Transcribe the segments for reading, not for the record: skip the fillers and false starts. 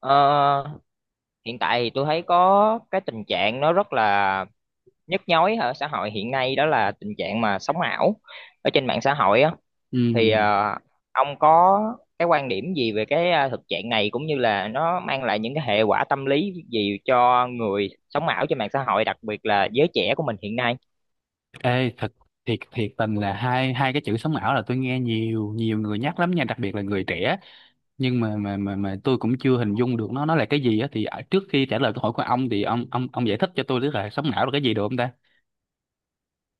Ờ, Hiện tại thì tôi thấy có cái tình trạng nó rất là nhức nhối ở xã hội hiện nay, đó là tình trạng mà sống ảo ở trên mạng xã hội á. Thì Ừ. Ông có cái quan điểm gì về cái thực trạng này, cũng như là nó mang lại những cái hệ quả tâm lý gì cho người sống ảo trên mạng xã hội, đặc biệt là giới trẻ của mình hiện nay? Ê, thật thiệt thiệt tình là hai hai cái chữ sống ảo là tôi nghe nhiều nhiều người nhắc lắm nha, đặc biệt là người trẻ, nhưng mà tôi cũng chưa hình dung được nó là cái gì á. Thì trước khi trả lời câu hỏi của ông thì ông giải thích cho tôi biết là sống ảo là cái gì được không ta?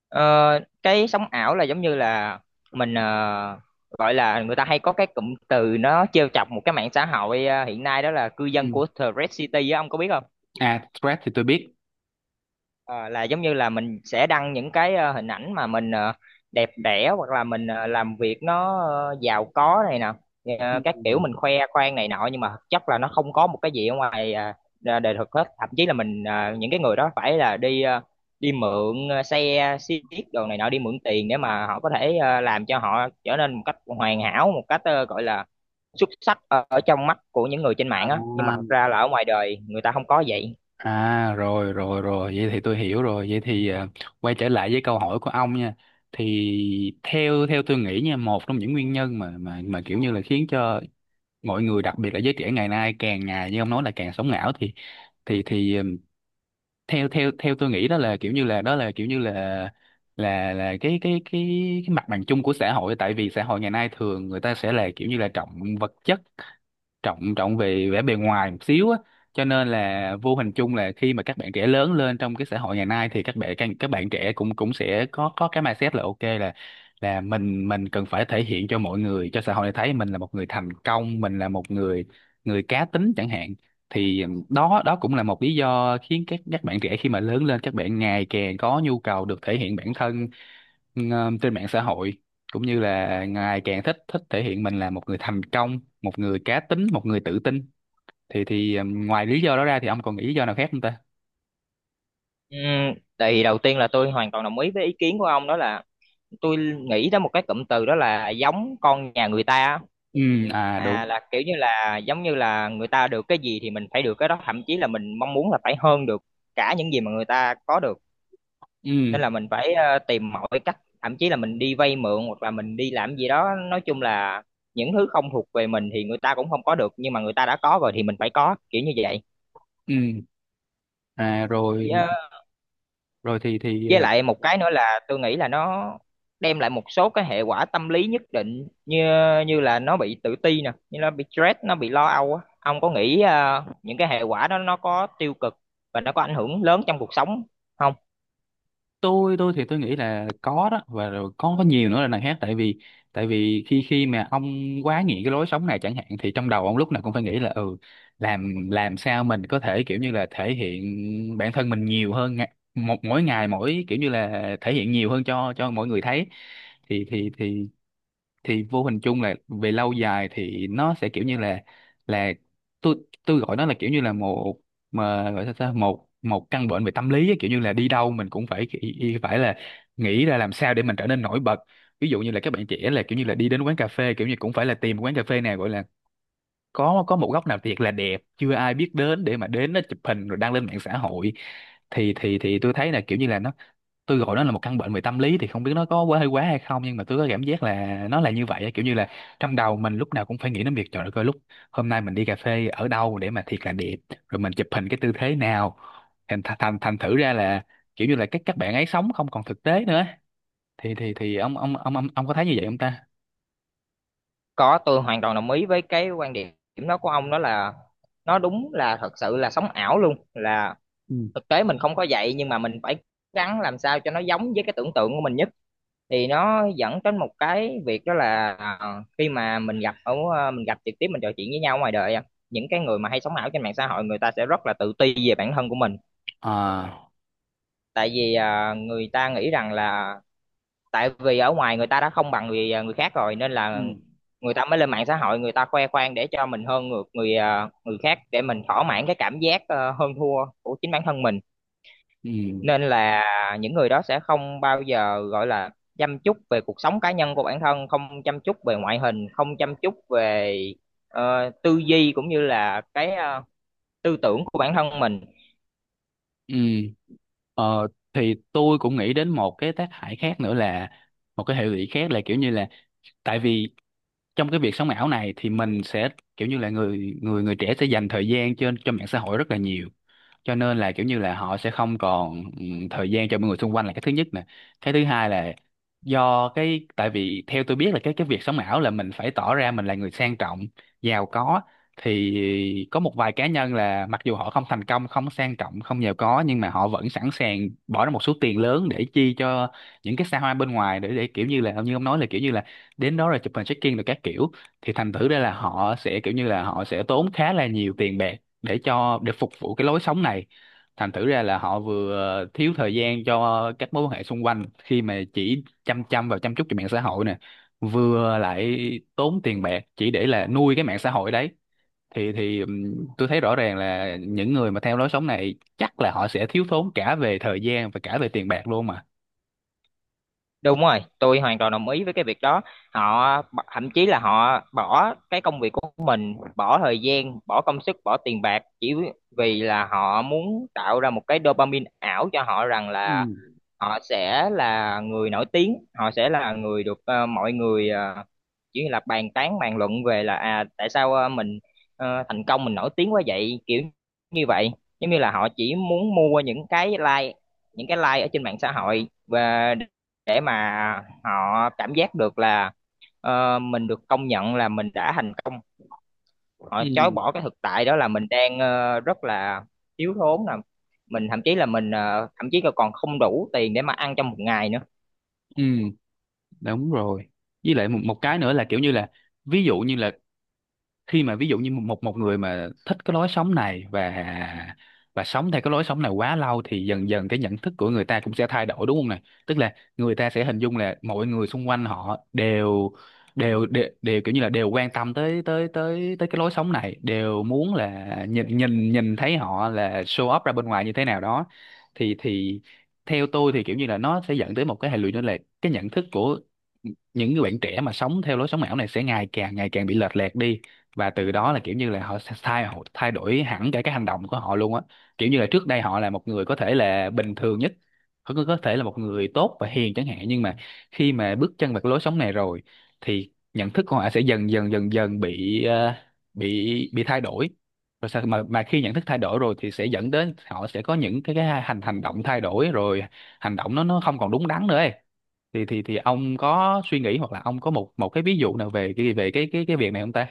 Ờ, cái sống ảo là giống như là mình gọi là, người ta hay có cái cụm từ nó trêu chọc một cái mạng xã hội hiện nay, đó là cư dân Ừ. của The Red City á, ông có biết không? À, stress thì tôi biết. Ờ, là giống như là mình sẽ đăng những cái hình ảnh mà mình đẹp đẽ, hoặc là mình làm việc nó giàu có này nè. Ừ. Các kiểu mình khoe khoang này nọ, nhưng mà thực chất là nó không có một cái gì ở ngoài ra đời thực hết. Thậm chí là mình những cái người đó phải là đi đi mượn xe xiếc đồ này nọ, đi mượn tiền để mà họ có thể làm cho họ trở nên một cách hoàn hảo, một cách gọi là xuất sắc ở trong mắt của những người trên À, mạng á, nhưng mà thật ra là ở ngoài đời người ta không có vậy. à rồi rồi rồi vậy thì tôi hiểu rồi. Vậy thì quay trở lại với câu hỏi của ông nha. Thì theo theo tôi nghĩ nha, một trong những nguyên nhân mà kiểu như là khiến cho mọi người đặc biệt là giới trẻ ngày nay càng ngày như ông nói là càng sống ảo thì thì thì ừm, theo theo theo tôi nghĩ đó là kiểu như là cái mặt bằng chung của xã hội. Tại vì xã hội ngày nay thường người ta sẽ là kiểu như là trọng vật chất, trọng trọng về vẻ bề ngoài một xíu á, cho nên là vô hình chung là khi mà các bạn trẻ lớn lên trong cái xã hội ngày nay thì các bạn trẻ cũng cũng sẽ có cái mindset là ok, là mình cần phải thể hiện cho mọi người cho xã hội này thấy mình là một người thành công, mình là một người người cá tính chẳng hạn. Thì đó đó cũng là một lý do khiến các bạn trẻ khi mà lớn lên, các bạn ngày càng có nhu cầu được thể hiện bản thân ừ, trên mạng xã hội, cũng như là ngày càng thích thích thể hiện mình là một người thành công, một người cá tính, một người tự tin. Thì ngoài lý do đó ra thì ông còn nghĩ lý do nào khác không ta? Ừ, tại đầu tiên là tôi hoàn toàn đồng ý với ý kiến của ông. Đó là tôi nghĩ tới một cái cụm từ, đó là giống con nhà người ta á. Ừ. À, đúng. À, là kiểu như là giống như là người ta được cái gì thì mình phải được cái đó, thậm chí là mình mong muốn là phải hơn được cả những gì mà người ta có được. Ừ. Nên là mình phải tìm mọi cách, thậm chí là mình đi vay mượn hoặc là mình đi làm gì đó. Nói chung là những thứ không thuộc về mình thì người ta cũng không có được, nhưng mà người ta đã có rồi thì mình phải có, kiểu như vậy. Ừ. À, rồi. Dạ. Rồi thì Với lại một cái nữa là tôi nghĩ là nó đem lại một số cái hệ quả tâm lý nhất định, như như là nó bị tự ti nè, như nó bị stress, nó bị lo âu á. Ông có nghĩ những cái hệ quả đó nó có tiêu cực và nó có ảnh hưởng lớn trong cuộc sống không? tôi thì tôi nghĩ là có đó, và rồi có nhiều nữa là đằng khác. Tại vì khi khi mà ông quá nghiện cái lối sống này chẳng hạn thì trong đầu ông lúc nào cũng phải nghĩ là ừ, làm sao mình có thể kiểu như là thể hiện bản thân mình nhiều hơn, một mỗi ngày mỗi kiểu như là thể hiện nhiều hơn cho mọi người thấy. Thì vô hình chung là về lâu dài thì nó sẽ kiểu như là tôi tôi gọi nó là kiểu như là một, mà gọi sao ta, một một căn bệnh về tâm lý á, kiểu như là đi đâu mình cũng phải phải là nghĩ ra làm sao để mình trở nên nổi bật. Ví dụ như là các bạn trẻ là kiểu như là đi đến quán cà phê kiểu như cũng phải là tìm quán cà phê nào gọi là có một góc nào thiệt là đẹp chưa ai biết đến để mà đến nó chụp hình rồi đăng lên mạng xã hội. Thì tôi thấy là kiểu như là nó gọi nó là một căn bệnh về tâm lý, thì không biết nó có quá hơi quá hay không nhưng mà tôi có cảm giác là nó là như vậy á. Kiểu như là trong đầu mình lúc nào cũng phải nghĩ đến việc trời đất ơi, coi lúc hôm nay mình đi cà phê ở đâu để mà thiệt là đẹp, rồi mình chụp hình cái tư thế nào. Thành thành thành thành thử ra là kiểu như là các bạn ấy sống không còn thực tế nữa. Thì ông có thấy như vậy không ta? Có, tôi hoàn toàn đồng ý với cái quan điểm đó của ông. Đó là nó đúng, là thật sự là sống ảo luôn là Ừ. thực tế mình không có vậy, nhưng mà mình phải gắng làm sao cho nó giống với cái tưởng tượng của mình nhất. Thì nó dẫn đến một cái việc, đó là khi mà mình gặp ở mình gặp trực tiếp, mình trò chuyện với nhau ngoài đời á, những cái người mà hay sống ảo trên mạng xã hội, người ta sẽ rất là tự ti về bản thân của mình. À. Tại vì người ta nghĩ rằng là tại vì ở ngoài người ta đã không bằng người khác rồi, nên là Ừ. người ta mới lên mạng xã hội, người ta khoe khoang để cho mình hơn ngược người khác, để mình thỏa mãn cái cảm giác hơn thua của chính bản thân mình. Ừ. Nên là những người đó sẽ không bao giờ gọi là chăm chút về cuộc sống cá nhân của bản thân, không chăm chút về ngoại hình, không chăm chút về tư duy, cũng như là cái tư tưởng của bản thân mình. Ừ. Ờ, thì tôi cũng nghĩ đến một cái tác hại khác nữa, là một cái hệ lụy khác là kiểu như là tại vì trong cái việc sống ảo này thì mình sẽ kiểu như là người người người trẻ sẽ dành thời gian trên cho mạng xã hội rất là nhiều, cho nên là kiểu như là họ sẽ không còn thời gian cho mọi người xung quanh, là cái thứ nhất nè. Cái thứ hai là do cái tại vì theo tôi biết là cái việc sống ảo là mình phải tỏ ra mình là người sang trọng giàu có, thì có một vài cá nhân là mặc dù họ không thành công, không sang trọng, không giàu có nhưng mà họ vẫn sẵn sàng bỏ ra một số tiền lớn để chi cho những cái xa hoa bên ngoài, để kiểu như là như ông nói là kiểu như là đến đó rồi chụp hình check-in rồi các kiểu. Thì thành thử ra là họ sẽ kiểu như là họ sẽ tốn khá là nhiều tiền bạc để cho để phục vụ cái lối sống này. Thành thử ra là họ vừa thiếu thời gian cho các mối quan hệ xung quanh khi mà chỉ chăm chăm vào chăm chút cho mạng xã hội nè, vừa lại tốn tiền bạc chỉ để là nuôi cái mạng xã hội đấy. Thì tôi thấy rõ ràng là những người mà theo lối sống này chắc là họ sẽ thiếu thốn cả về thời gian và cả về tiền bạc luôn mà. Đúng rồi, tôi hoàn toàn đồng ý với cái việc đó. Họ thậm chí là họ bỏ cái công việc của mình, bỏ thời gian, bỏ công sức, bỏ tiền bạc chỉ vì là họ muốn tạo ra một cái dopamine ảo cho họ, rằng là Ừ. họ sẽ là người nổi tiếng, họ sẽ là người được mọi người chỉ là bàn tán bàn luận về là, à tại sao mình thành công, mình nổi tiếng quá vậy, kiểu như vậy. Giống như là họ chỉ muốn mua những cái like, những cái like ở trên mạng xã hội, và để mà họ cảm giác được là mình được công nhận là mình đã thành công. Họ Ừ. chối bỏ cái thực tại, đó là mình đang rất là thiếu thốn nè, mình thậm chí là mình thậm chí là còn không đủ tiền để mà ăn trong một ngày nữa. Ừ, đúng rồi. Với lại một cái nữa là kiểu như là ví dụ như là khi mà ví dụ như một một người mà thích cái lối sống này và sống theo cái lối sống này quá lâu thì dần dần cái nhận thức của người ta cũng sẽ thay đổi đúng không này. Tức là người ta sẽ hình dung là mọi người xung quanh họ đều đều kiểu như là đều quan tâm tới tới cái lối sống này, đều muốn là nhìn nhìn nhìn thấy họ là show up ra bên ngoài như thế nào đó. Thì theo tôi thì kiểu như là nó sẽ dẫn tới một cái hệ lụy, đó là cái nhận thức của những người bạn trẻ mà sống theo lối sống ảo này sẽ ngày càng bị lệch lạc đi, và từ đó là kiểu như là họ thay đổi hẳn cả cái hành động của họ luôn á. Kiểu như là trước đây họ là một người có thể là bình thường nhất, có thể là một người tốt và hiền chẳng hạn, nhưng mà khi mà bước chân vào cái lối sống này rồi thì nhận thức của họ sẽ dần dần bị bị thay đổi. Rồi sao mà khi nhận thức thay đổi rồi thì sẽ dẫn đến họ sẽ có những cái hành hành động thay đổi, rồi hành động nó không còn đúng đắn nữa ấy. Thì ông có suy nghĩ hoặc là ông có một một cái ví dụ nào về cái việc này không ta?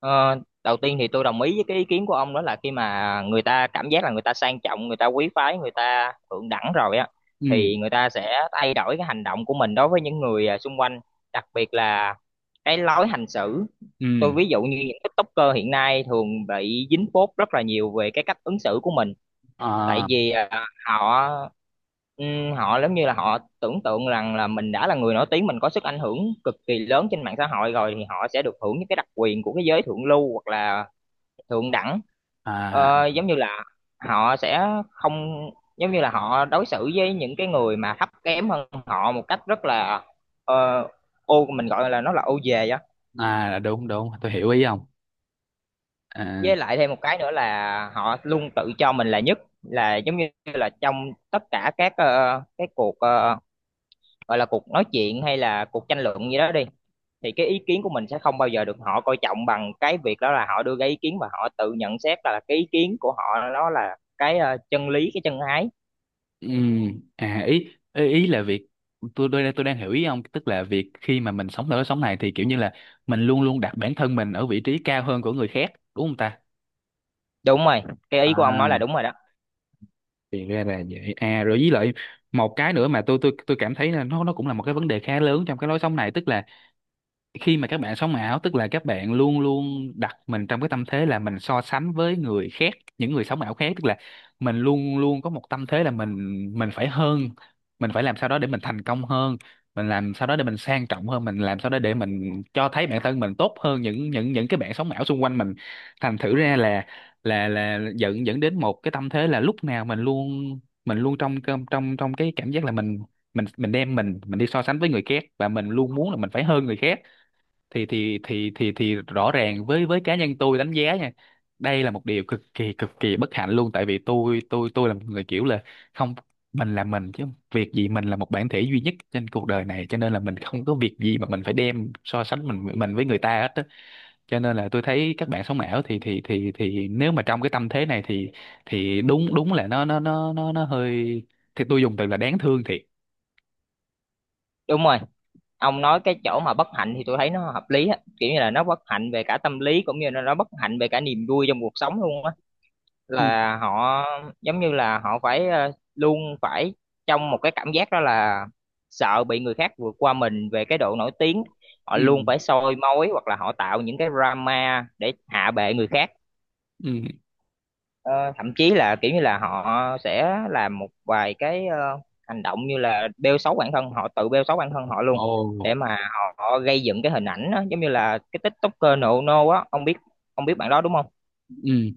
Ờ, Đầu tiên thì tôi đồng ý với cái ý kiến của ông. Đó là khi mà người ta cảm giác là người ta sang trọng, người ta quý phái, người ta thượng đẳng rồi á, Ừ. thì người ta sẽ thay đổi cái hành động của mình đối với những người xung quanh, đặc biệt là cái lối hành xử. Tôi Ừ. ví dụ như những tiktoker hiện nay thường bị dính phốt rất là nhiều về cái cách ứng xử của mình. Tại À. vì họ họ giống như là họ tưởng tượng rằng là mình đã là người nổi tiếng, mình có sức ảnh hưởng cực kỳ lớn trên mạng xã hội rồi, thì họ sẽ được hưởng những cái đặc quyền của cái giới thượng lưu, hoặc là thượng đẳng. À, Giống như là họ sẽ không, giống như là họ đối xử với những cái người mà thấp kém hơn họ một cách rất là ờ, ô, mình gọi là nó là ô về á. à đúng, đúng tôi hiểu ý ông. À. Với lại thêm một cái nữa là họ luôn tự cho mình là nhất. Là giống như là trong tất cả các cái cuộc gọi là cuộc nói chuyện hay là cuộc tranh luận gì đó đi, thì cái ý kiến của mình sẽ không bao giờ được họ coi trọng, bằng cái việc đó là họ đưa ra ý kiến và họ tự nhận xét là cái ý kiến của họ nó là cái chân lý, cái chân ái. Ừ. À, ý ý ý là việc tôi đang hiểu ý ông, tức là việc khi mà mình sống ở cái sống này thì kiểu như là mình luôn luôn đặt bản thân mình ở vị trí cao hơn của người khác, đúng không ta? Đúng rồi, cái À, ý của ông nói là đúng rồi đó. thì ra là vậy. À rồi, với lại một cái nữa mà tôi cảm thấy là nó cũng là một cái vấn đề khá lớn trong cái lối sống này, tức là khi mà các bạn sống ảo tức là các bạn luôn luôn đặt mình trong cái tâm thế là mình so sánh với người khác, những người sống ảo khác. Tức là mình luôn luôn có một tâm thế là mình phải hơn, mình phải làm sao đó để mình thành công hơn, mình làm sao đó để mình sang trọng hơn, mình làm sao đó để mình cho thấy bản thân mình tốt hơn những cái bạn sống ảo xung quanh mình. Thành thử ra là dẫn dẫn đến một cái tâm thế là lúc nào mình luôn trong trong trong trong cái cảm giác là mình đem mình đi so sánh với người khác và mình luôn muốn là mình phải hơn người khác. Thì rõ ràng với cá nhân tôi đánh giá nha, đây là một điều cực kỳ bất hạnh luôn. Tại vì tôi là một người kiểu là không, mình là mình chứ, việc gì, mình là một bản thể duy nhất trên cuộc đời này cho nên là mình không có việc gì mà mình phải đem so sánh mình với người ta hết á. Cho nên là tôi thấy các bạn sống ảo thì nếu mà trong cái tâm thế này thì đúng, đúng là nó nó hơi, thì tôi dùng từ là đáng thương thiệt. Đúng rồi, ông nói cái chỗ mà bất hạnh thì tôi thấy nó hợp lý á, kiểu như là nó bất hạnh về cả tâm lý cũng như là nó bất hạnh về cả niềm vui trong cuộc sống luôn á. Ừ. Là họ giống như là họ phải luôn phải trong một cái cảm giác, đó là sợ bị người khác vượt qua mình về cái độ nổi tiếng. Họ luôn Ừ. phải soi mói, hoặc là họ tạo những cái drama để hạ bệ người khác. Ừ. Ờ, Thậm chí là kiểu như là họ sẽ làm một vài cái hành động như là bêu xấu bản thân, họ tự bêu xấu bản thân họ luôn Ồ. để mà họ gây dựng cái hình ảnh đó. Giống như là cái TikToker nộ nô á, ông biết, ông biết bạn đó đúng không? Ừ,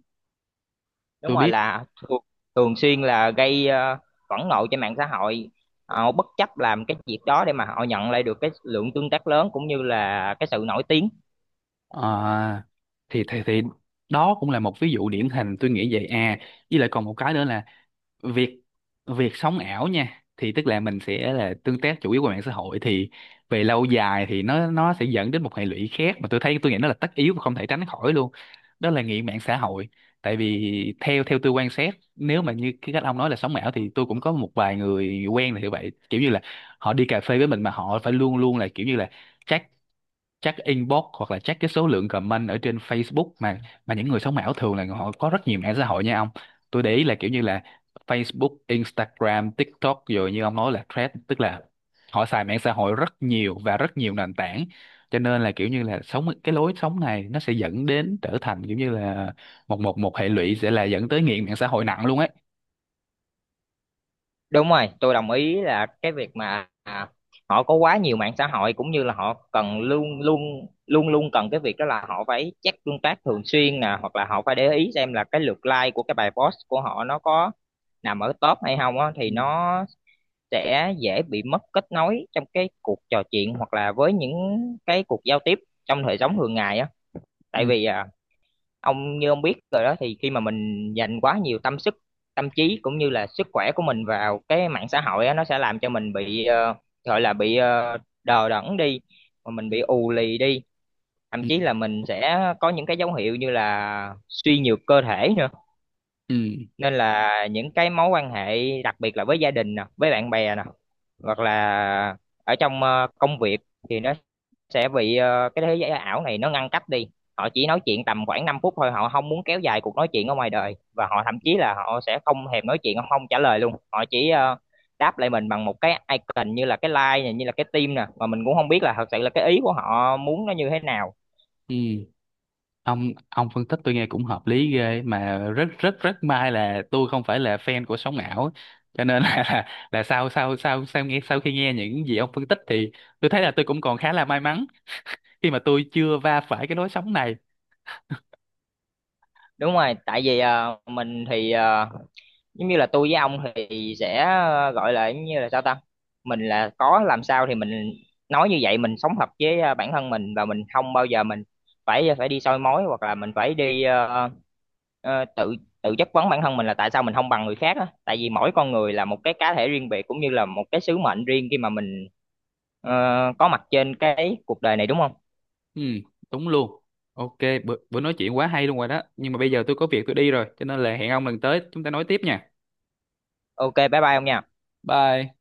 Đúng tôi rồi, biết. là thường xuyên là gây phẫn nộ trên mạng xã hội. Họ bất chấp làm cái việc đó để mà họ nhận lại được cái lượng tương tác lớn, cũng như là cái sự nổi tiếng. À, thì đó cũng là một ví dụ điển hình tôi nghĩ vậy. À, với lại còn một cái nữa là việc việc sống ảo nha, thì tức là mình sẽ là tương tác chủ yếu qua mạng xã hội, thì về lâu dài thì nó sẽ dẫn đến một hệ lụy khác mà tôi thấy tôi nghĩ nó là tất yếu và không thể tránh khỏi luôn, đó là nghiện mạng xã hội. Tại vì theo theo tôi quan sát, nếu mà như cái cách ông nói là sống ảo thì tôi cũng có một vài người quen là như vậy, kiểu như là họ đi cà phê với mình mà họ phải luôn luôn là kiểu như là check check inbox hoặc là check cái số lượng comment ở trên Facebook mà những người sống ảo thường là họ có rất nhiều mạng xã hội nha ông. Tôi để ý là kiểu như là Facebook, Instagram, TikTok rồi như ông nói là Threads, tức là họ xài mạng xã hội rất nhiều và rất nhiều nền tảng, cho nên là kiểu như là sống cái lối sống này nó sẽ dẫn đến trở thành kiểu như là một một một hệ lụy, sẽ là dẫn tới nghiện mạng xã hội nặng luôn ấy. Đúng rồi, tôi đồng ý là cái việc mà họ có quá nhiều mạng xã hội, cũng như là họ cần luôn luôn cần cái việc đó là họ phải check tương tác thường xuyên nè, hoặc là họ phải để ý xem là cái lượt like của cái bài post của họ nó có nằm ở top hay không á. Thì Ừ. nó sẽ dễ bị mất kết nối trong cái cuộc trò chuyện hoặc là với những cái cuộc giao tiếp trong đời sống thường ngày á. Tại ừ vì ông như ông biết rồi đó, thì khi mà mình dành quá nhiều tâm sức, tâm trí cũng như là sức khỏe của mình vào cái mạng xã hội á, nó sẽ làm cho mình bị gọi là bị đờ đẫn đi, mà mình ừ bị ù lì đi, thậm ừ chí là mình sẽ có những cái dấu hiệu như là suy nhược cơ thể nữa. ừ Nên là những cái mối quan hệ đặc biệt là với gia đình nè, với bạn bè nè, hoặc là ở trong công việc, thì nó sẽ bị cái thế giới ảo này nó ngăn cách đi. Họ chỉ nói chuyện tầm khoảng 5 phút thôi, họ không muốn kéo dài cuộc nói chuyện ở ngoài đời, và họ thậm chí là họ sẽ không thèm nói chuyện, họ không trả lời luôn, họ chỉ đáp lại mình bằng một cái icon, như là cái like này, như là cái tim nè, mà mình cũng không biết là thật sự là cái ý của họ muốn nó như thế nào. Ừ. Ông phân tích tôi nghe cũng hợp lý ghê, mà rất rất rất may là tôi không phải là fan của sóng ảo, cho nên là là sau sau sau sau nghe sau khi nghe những gì ông phân tích thì tôi thấy là tôi cũng còn khá là may mắn khi mà tôi chưa va phải cái lối sóng này. Đúng rồi, tại vì mình thì giống như là tôi với ông thì sẽ gọi là giống như là sao ta, mình là có làm sao thì mình nói như vậy, mình sống thật với bản thân mình, và mình không bao giờ mình phải đi soi mói, hoặc là mình phải đi ờ, ờ, tự tự chất vấn bản thân mình là tại sao mình không bằng người khác á. Tại vì mỗi con người là một cái cá thể riêng biệt, cũng như là một cái sứ mệnh riêng khi mà mình ờ, có mặt trên cái cuộc đời này đúng không? Ừ, đúng luôn. Ok, bữa nói chuyện quá hay luôn rồi đó, nhưng mà bây giờ tôi có việc tôi đi rồi cho nên là hẹn ông lần tới chúng ta nói tiếp nha. OK, bye bye ông nha. Bye.